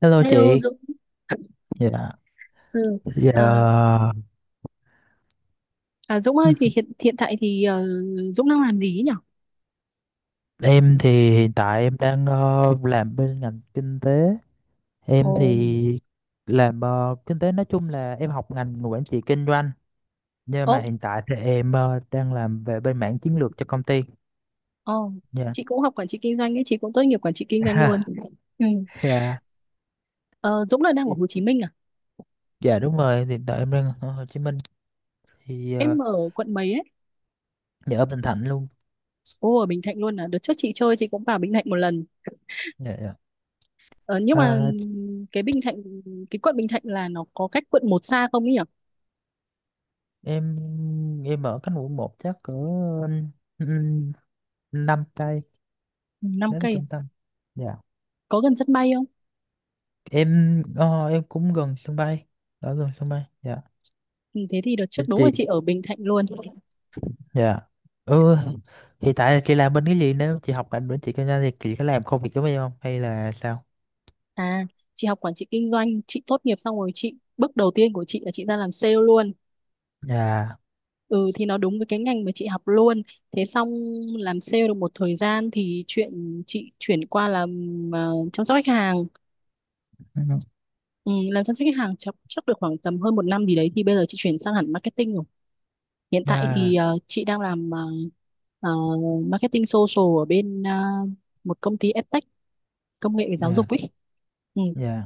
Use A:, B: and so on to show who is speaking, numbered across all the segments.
A: Hello
B: Hello
A: chị,
B: Dũng.
A: dạ,
B: Ừ.
A: dạ
B: Ờ,
A: ờ,
B: à, Dũng ơi thì hiện hiện tại thì Dũng đang làm gì ấy nhỉ?
A: em thì hiện tại em đang làm bên ngành kinh tế,
B: Ồ.
A: em thì làm kinh tế. Nói chung là em học ngành quản trị kinh doanh, nhưng mà
B: Ồ,
A: hiện tại thì em đang làm về bên mảng chiến lược cho công ty.
B: ồ.
A: Dạ.
B: Chị cũng học quản trị kinh doanh ấy, chị cũng tốt nghiệp quản trị kinh doanh luôn. Ừ.
A: Ha, dạ,
B: Ờ, Dũng là đang ở Hồ Chí Minh à?
A: dạ đúng rồi, hiện tại em đang ở Hồ Chí Minh thì
B: Em ở quận mấy ấy?
A: dạ, ở Bình Thạnh luôn.
B: Ồ, ở Bình Thạnh luôn à? Đợt trước chị chơi chị cũng vào Bình Thạnh một lần.
A: Dạ, dạ.
B: Ờ, nhưng mà
A: À,
B: cái Bình Thạnh cái quận Bình Thạnh là nó có cách quận một xa không ấy nhỉ?
A: em em ở cánh quận một chắc cỡ um, 5 cây,
B: Năm
A: đó là
B: cây
A: trung
B: à?
A: tâm. Dạ.
B: Có gần sân bay không?
A: Em cũng gần sân bay, ở gần sân bay dạ.
B: Ừ, thế thì đợt
A: Thì
B: trước đúng là
A: chị
B: chị ở Bình Thạnh luôn.
A: Dạ, ừ, hiện tại chị làm bên cái gì, nếu chị học ngành bên chị kinh doanh thì chị có làm công việc giống em không hay là sao?
B: À, chị học quản trị kinh doanh, chị tốt nghiệp xong rồi chị bước đầu tiên của chị là chị ra làm sale luôn.
A: Dạ.
B: Ừ thì nó đúng với cái ngành mà chị học luôn. Thế xong làm sale được một thời gian thì chuyện chị chuyển qua làm chăm sóc khách hàng.
A: Ừ.
B: Ừ, làm chăm sóc khách hàng chắc được khoảng tầm hơn một năm gì đấy thì bây giờ chị chuyển sang hẳn marketing rồi. Hiện tại
A: À,
B: thì chị đang làm ờ, marketing social ở bên một công ty edtech công nghệ về
A: dạ,
B: giáo
A: dạ,
B: dục ấy. Ừ.
A: dạ.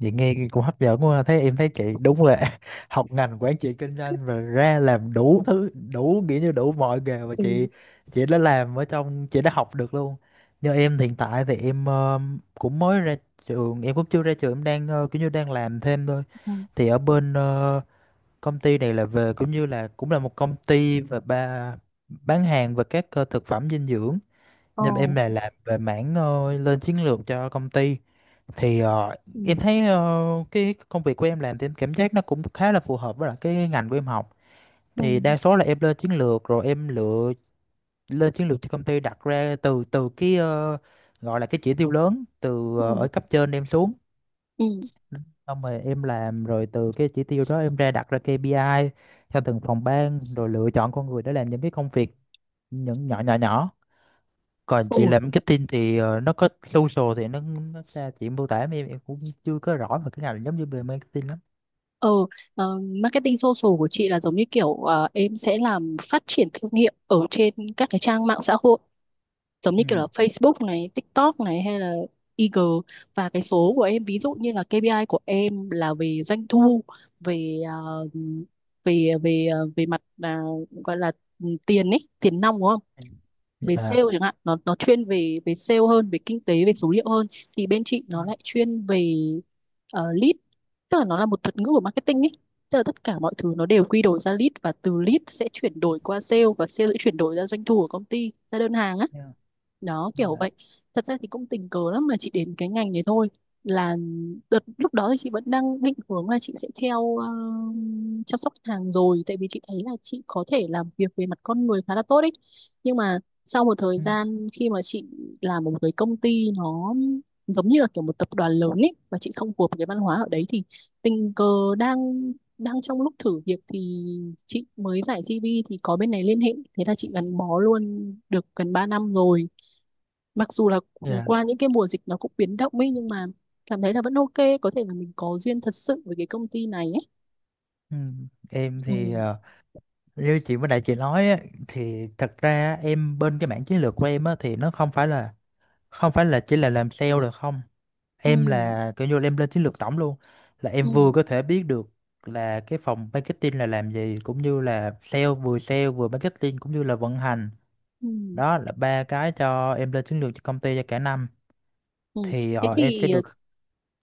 A: Vậy nghe cũng hấp dẫn quá ha. Thế em thấy chị đúng là học ngành quản trị kinh doanh và ra làm đủ thứ đủ nghĩa như đủ mọi nghề mà
B: Ừ,
A: chị đã làm ở trong, chị đã học được luôn. Như em hiện tại thì em cũng mới ra trường, em cũng chưa ra trường, em đang kiểu như đang làm thêm thôi.
B: ừ.
A: Thì ở bên công ty này là về cũng như là cũng là một công ty, và ba bán hàng và các thực phẩm dinh dưỡng,
B: Ờ.
A: nhưng mà em là làm về mảng lên chiến lược cho công ty. Thì
B: Ừ,
A: em thấy cái công việc của em làm thì em cảm giác nó cũng khá là phù hợp với lại cái ngành của em học. Thì đa
B: ừ,
A: số là em lên chiến lược rồi em lựa lên chiến lược cho công ty, đặt ra từ từ cái, gọi là cái chỉ tiêu lớn, ở
B: ừ.
A: cấp trên em xuống,
B: Ừ.
A: xong rồi em làm, rồi từ cái chỉ tiêu đó em ra đặt ra KPI theo từng phòng ban, rồi lựa chọn con người để làm những cái công việc, những nhỏ nhỏ nhỏ. Còn chị
B: Ừ.
A: làm marketing thì nó có social, thì nó ra chị mô tả em cũng chưa có rõ về cái nào là giống như về marketing lắm.
B: Ờ, marketing social của chị là giống như kiểu em sẽ làm phát triển thương hiệu ở trên các cái trang mạng xã hội giống như
A: Ừ.
B: kiểu là Facebook này, TikTok này hay là IG, và cái số của em ví dụ như là KPI của em là về doanh thu, về về mặt là gọi là ừ, tiền ấy, tiền nong đúng không? Về
A: Dạ.
B: sale chẳng hạn, nó chuyên về về sale hơn, về kinh tế về số liệu hơn, thì bên chị
A: Ừ,
B: nó lại chuyên về lead, tức là nó là một thuật ngữ của marketing ấy, tức là tất cả mọi thứ nó đều quy đổi ra lead, và từ lead sẽ chuyển đổi qua sale, và sale sẽ chuyển đổi ra doanh thu của công ty, ra đơn hàng á,
A: yeah,
B: đó
A: nên
B: kiểu
A: là
B: vậy. Thật ra thì cũng tình cờ lắm mà chị đến cái ngành này thôi, là đợt lúc đó thì chị vẫn đang định hướng là chị sẽ theo chăm sóc khách hàng rồi, tại vì chị thấy là chị có thể làm việc về mặt con người khá là tốt ấy, nhưng mà sau một thời
A: ừ.
B: gian khi mà chị làm ở một cái công ty nó giống như là kiểu một tập đoàn lớn ấy, và chị không phù hợp với cái văn hóa ở đấy, thì tình cờ đang đang trong lúc thử việc thì chị mới giải CV thì có bên này liên hệ, thế là chị gắn bó luôn được gần 3 năm rồi, mặc dù là
A: Dạ,
B: qua những cái mùa dịch nó cũng biến động ấy, nhưng mà cảm thấy là vẫn ok, có thể là mình có duyên thật sự với cái công ty này ấy.
A: ừ. Em
B: ừ,
A: thì như chị mới đại chị nói á, thì thật ra em bên cái mảng chiến lược của em á, thì nó không phải là, chỉ là làm sale được không.
B: ừ,
A: Em là kiểu như là em lên chiến lược tổng luôn, là em
B: ừ,
A: vừa có thể biết được là cái phòng marketing là làm gì, cũng như là sale, vừa sale vừa marketing, cũng như là vận hành.
B: ừ.
A: Đó là ba cái cho em lên chiến lược cho công ty cho cả năm.
B: ừ.
A: Thì
B: Thế
A: em sẽ
B: thì
A: được.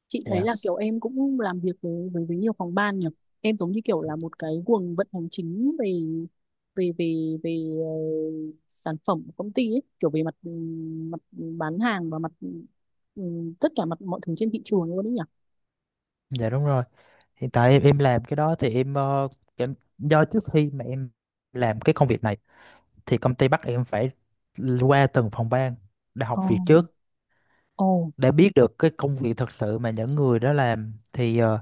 B: chị thấy
A: Dạ,
B: là kiểu em cũng làm việc với nhiều phòng ban nhỉ, em giống như kiểu là một cái guồng vận hành chính về về về về ờ, sản phẩm của công ty ấy, kiểu về mặt ừ, mặt bán hàng và mặt ừ, tất cả mặt mọi thứ trên thị trường luôn đấy nhỉ.
A: dạ đúng rồi, hiện tại em làm cái đó thì do trước khi mà em làm cái công việc này thì công ty bắt em phải qua từng phòng ban để học
B: Ồ,
A: việc trước,
B: ồ,
A: để biết được cái công việc thật sự mà những người đó làm. Thì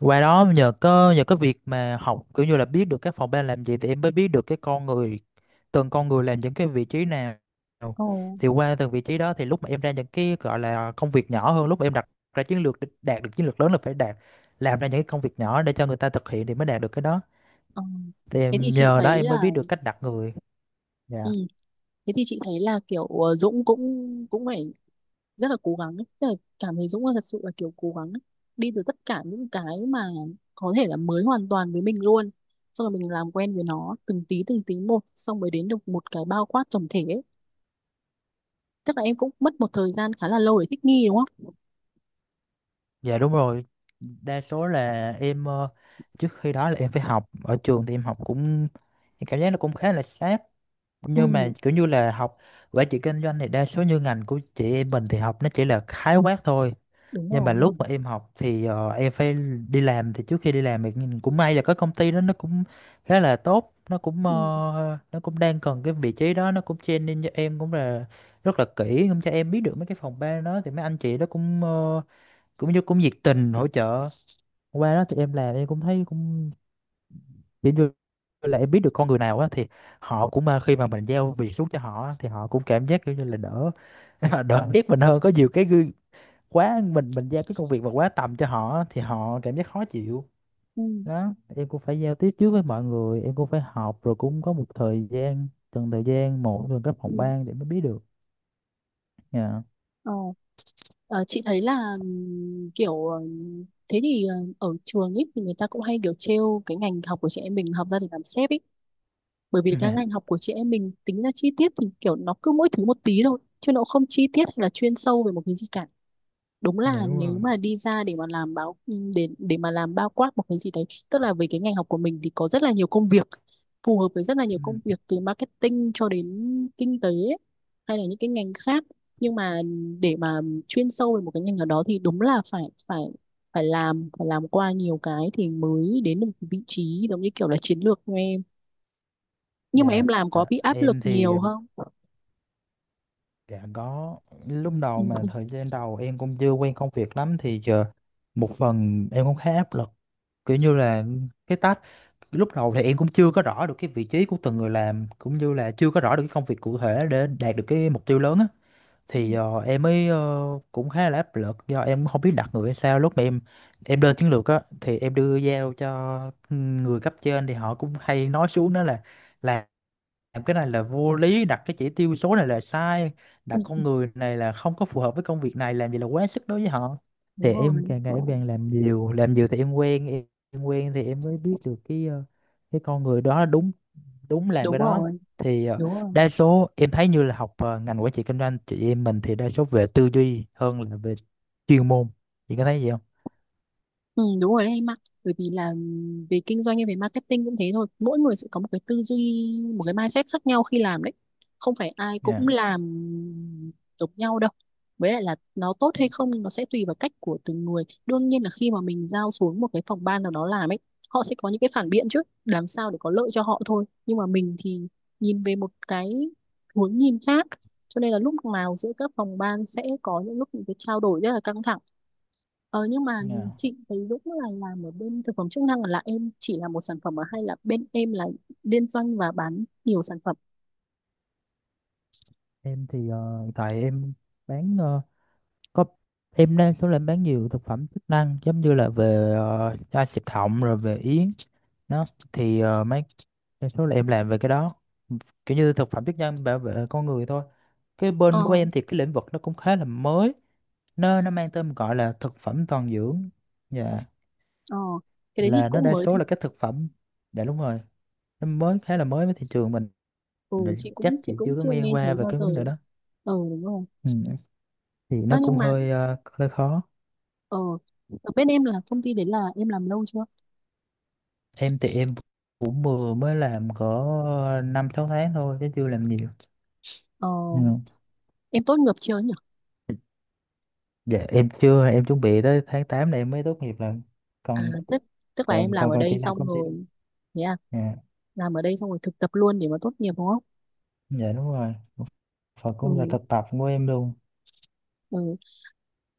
A: qua đó, nhờ có nhờ cái việc mà học kiểu như là biết được các phòng ban làm gì, thì em mới biết được cái con người, từng con người làm những cái vị trí nào.
B: ồ.
A: Thì qua từng vị trí đó thì lúc mà em ra những cái gọi là công việc nhỏ hơn, lúc mà em đặt ra chiến lược để đạt được chiến lược lớn là phải đạt, làm ra những cái công việc nhỏ để cho người ta thực hiện thì mới đạt được cái đó.
B: Ờ.
A: Thì
B: Thế thì
A: em
B: chị
A: nhờ đó
B: thấy
A: em mới
B: là
A: biết được cách đặt người. Dạ.
B: ừ, kiểu Dũng cũng cũng phải rất là cố gắng ấy. Tức là cảm thấy Dũng là thật sự là kiểu cố gắng ấy. Đi từ tất cả những cái mà có thể là mới hoàn toàn với mình luôn, xong rồi mình làm quen với nó từng tí một, xong mới đến được một cái bao quát tổng thể ấy. Tức là em cũng mất một thời gian khá là lâu để thích nghi đúng không?
A: Dạ đúng rồi. Đa số là em trước khi đó là em phải học ở trường, thì em học cũng, em cảm giác nó cũng khá là sát, nhưng mà
B: Ừ,
A: kiểu như là học quản trị kinh doanh thì đa số như ngành của chị em mình thì học nó chỉ là khái quát thôi.
B: đúng
A: Nhưng mà lúc
B: rồi.
A: mà em học thì em phải đi làm, thì trước khi đi làm thì nhìn cũng may là có công ty đó nó cũng khá là tốt, nó cũng,
B: Ừ,
A: nó cũng đang cần cái vị trí đó, nó cũng training cho em cũng là rất là kỹ, cũng cho em biết được mấy cái phòng ban đó. Thì mấy anh chị đó cũng, cũng như cũng nhiệt tình hỗ trợ. Qua đó thì em làm em cũng thấy cũng kiểu như là em biết được con người nào á, thì họ cũng, à, khi mà mình giao việc xuống cho họ á, thì họ cũng cảm giác kiểu như là đỡ, đỡ biết mình hơn. Có nhiều cái gương quá, mình giao cái công việc mà quá tầm cho họ á, thì họ cảm giác khó chịu.
B: ừ,
A: Đó, em cũng phải giao tiếp trước với mọi người, em cũng phải học, rồi cũng có một thời gian, từng thời gian một, từng các
B: ừ.
A: phòng ban để mới biết được. Dạ.
B: Ờ, chị thấy là kiểu thế thì ờ, ở trường ấy thì người ta cũng hay kiểu trêu cái ngành học của chị em mình học ra để làm sếp ấy, bởi vì các ngành học của chị em mình tính ra chi tiết thì kiểu nó cứ mỗi thứ một tí thôi chứ nó không chi tiết hay là chuyên sâu về một cái gì cả. Đúng là
A: Dạ đúng
B: nếu
A: rồi.
B: mà đi ra để mà làm báo ừ, để mà làm bao quát một cái gì đấy, tức là về cái ngành học của mình thì có rất là nhiều công việc, phù hợp với rất là nhiều công
A: Ừ.
B: việc từ marketing cho đến kinh tế ấy, hay là những cái ngành khác, nhưng mà để mà chuyên sâu về một cái ngành nào đó thì đúng là phải phải phải làm, làm qua nhiều cái thì mới đến được vị trí giống như kiểu là chiến lược nghe, nhưng mà
A: Dạ,
B: em làm có bị áp lực
A: em thì,
B: nhiều không?
A: dạ có. Lúc đầu,
B: Ừ.
A: mà thời gian đầu em cũng chưa quen công việc lắm, thì giờ một phần em cũng khá áp lực, kiểu như là cái task lúc đầu thì em cũng chưa có rõ được cái vị trí của từng người làm, cũng như là chưa có rõ được cái công việc cụ thể để đạt được cái mục tiêu lớn á. Thì em mới, cũng khá là áp lực do em không biết đặt người hay sao. Lúc mà em lên chiến lược á thì em đưa giao cho người cấp trên, thì họ cũng hay nói xuống đó là làm làm cái này là vô lý, đặt cái chỉ tiêu số này là sai, đặt
B: Ừ,
A: con người này là không có phù hợp với công việc này, làm gì là quá sức đối với họ.
B: đúng
A: Thì em
B: rồi,
A: càng ngày em càng làm nhiều làm nhiều, thì em quen em quen thì em mới biết được cái, cái con người đó đúng, đúng làm
B: đúng
A: cái đó.
B: rồi,
A: Thì
B: đúng rồi.
A: đa số em thấy như là học ngành quản trị kinh doanh chị em mình thì đa số về tư duy hơn là về chuyên môn. Chị có thấy gì không?
B: Ừ, đúng rồi đấy em ạ, bởi vì là về kinh doanh hay về marketing cũng thế thôi, mỗi người sẽ có một cái tư duy, một cái mindset khác nhau khi làm đấy, không phải ai cũng
A: Dạ.
B: làm giống nhau đâu, với lại là nó tốt hay không nó sẽ tùy vào cách của từng người. Đương nhiên là khi mà mình giao xuống một cái phòng ban nào đó làm ấy, họ sẽ có những cái phản biện chứ, làm sao để có lợi cho họ thôi, nhưng mà mình thì nhìn về một cái hướng nhìn khác, cho nên là lúc nào giữa các phòng ban sẽ có những lúc những cái trao đổi rất là căng thẳng. Ờ nhưng mà
A: Dạ.
B: chị thấy Dũng là làm ở bên thực phẩm chức năng, là em chỉ làm một sản phẩm à? Hay là bên em là liên doanh và bán nhiều sản phẩm?
A: Em thì hiện tại em bán có, em đang số làm bán nhiều thực phẩm chức năng, giống như là về chai xịt họng, rồi về yến nó. Thì mấy đa số là em làm về cái đó, kiểu như thực phẩm chức năng bảo vệ con người thôi. Cái
B: Ờ,
A: bên của em thì cái lĩnh vực nó cũng khá là mới, nó mang tên gọi là thực phẩm toàn dưỡng. Dạ.
B: ờ cái đấy thì
A: Là nó
B: cũng
A: đa
B: mới
A: số
B: thật.
A: là các thực phẩm. Dạ đúng rồi. Nó mới, khá là mới với thị trường mình.
B: Ừ
A: Rồi
B: chị
A: chắc
B: cũng
A: chị chưa có
B: chưa
A: nghe
B: nghe
A: qua
B: thấy
A: về
B: bao
A: cái
B: giờ.
A: vấn đề đó.
B: Ờ đúng rồi.
A: Ừ. Thì
B: Ờ
A: nó cũng
B: nhưng mà
A: hơi, hơi khó.
B: ờ ở bên em là công ty đấy là em làm lâu chưa?
A: Em thì em cũng vừa mới làm có 5-6 tháng thôi, chứ chưa làm nhiều.
B: Ờ
A: Ừ.
B: em tốt nghiệp chưa nhỉ?
A: Dạ, em chưa, em chuẩn bị tới tháng 8 này em mới tốt nghiệp lần.
B: À
A: còn
B: tức tức là em
A: còn
B: làm
A: còn
B: ở
A: còn
B: đây
A: chị làm
B: xong
A: công ty.
B: rồi thế à?
A: Dạ.
B: Làm ở đây xong rồi thực tập luôn để mà tốt nghiệp đúng không?
A: Dạ đúng rồi. Phật
B: Ừ.
A: cũng là thực tập của em luôn.
B: Ừ.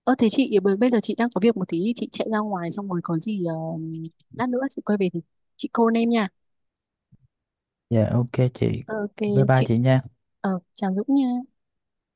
B: Ơ thế chị bởi- bây giờ chị đang có việc một tí chị chạy ra ngoài xong rồi có gì lát nữa chị quay về thì chị call em nha.
A: Dạ, ok chị.
B: Ờ, Ok
A: Bye bye
B: chị.
A: chị nha.
B: Ờ chào Dũng nha.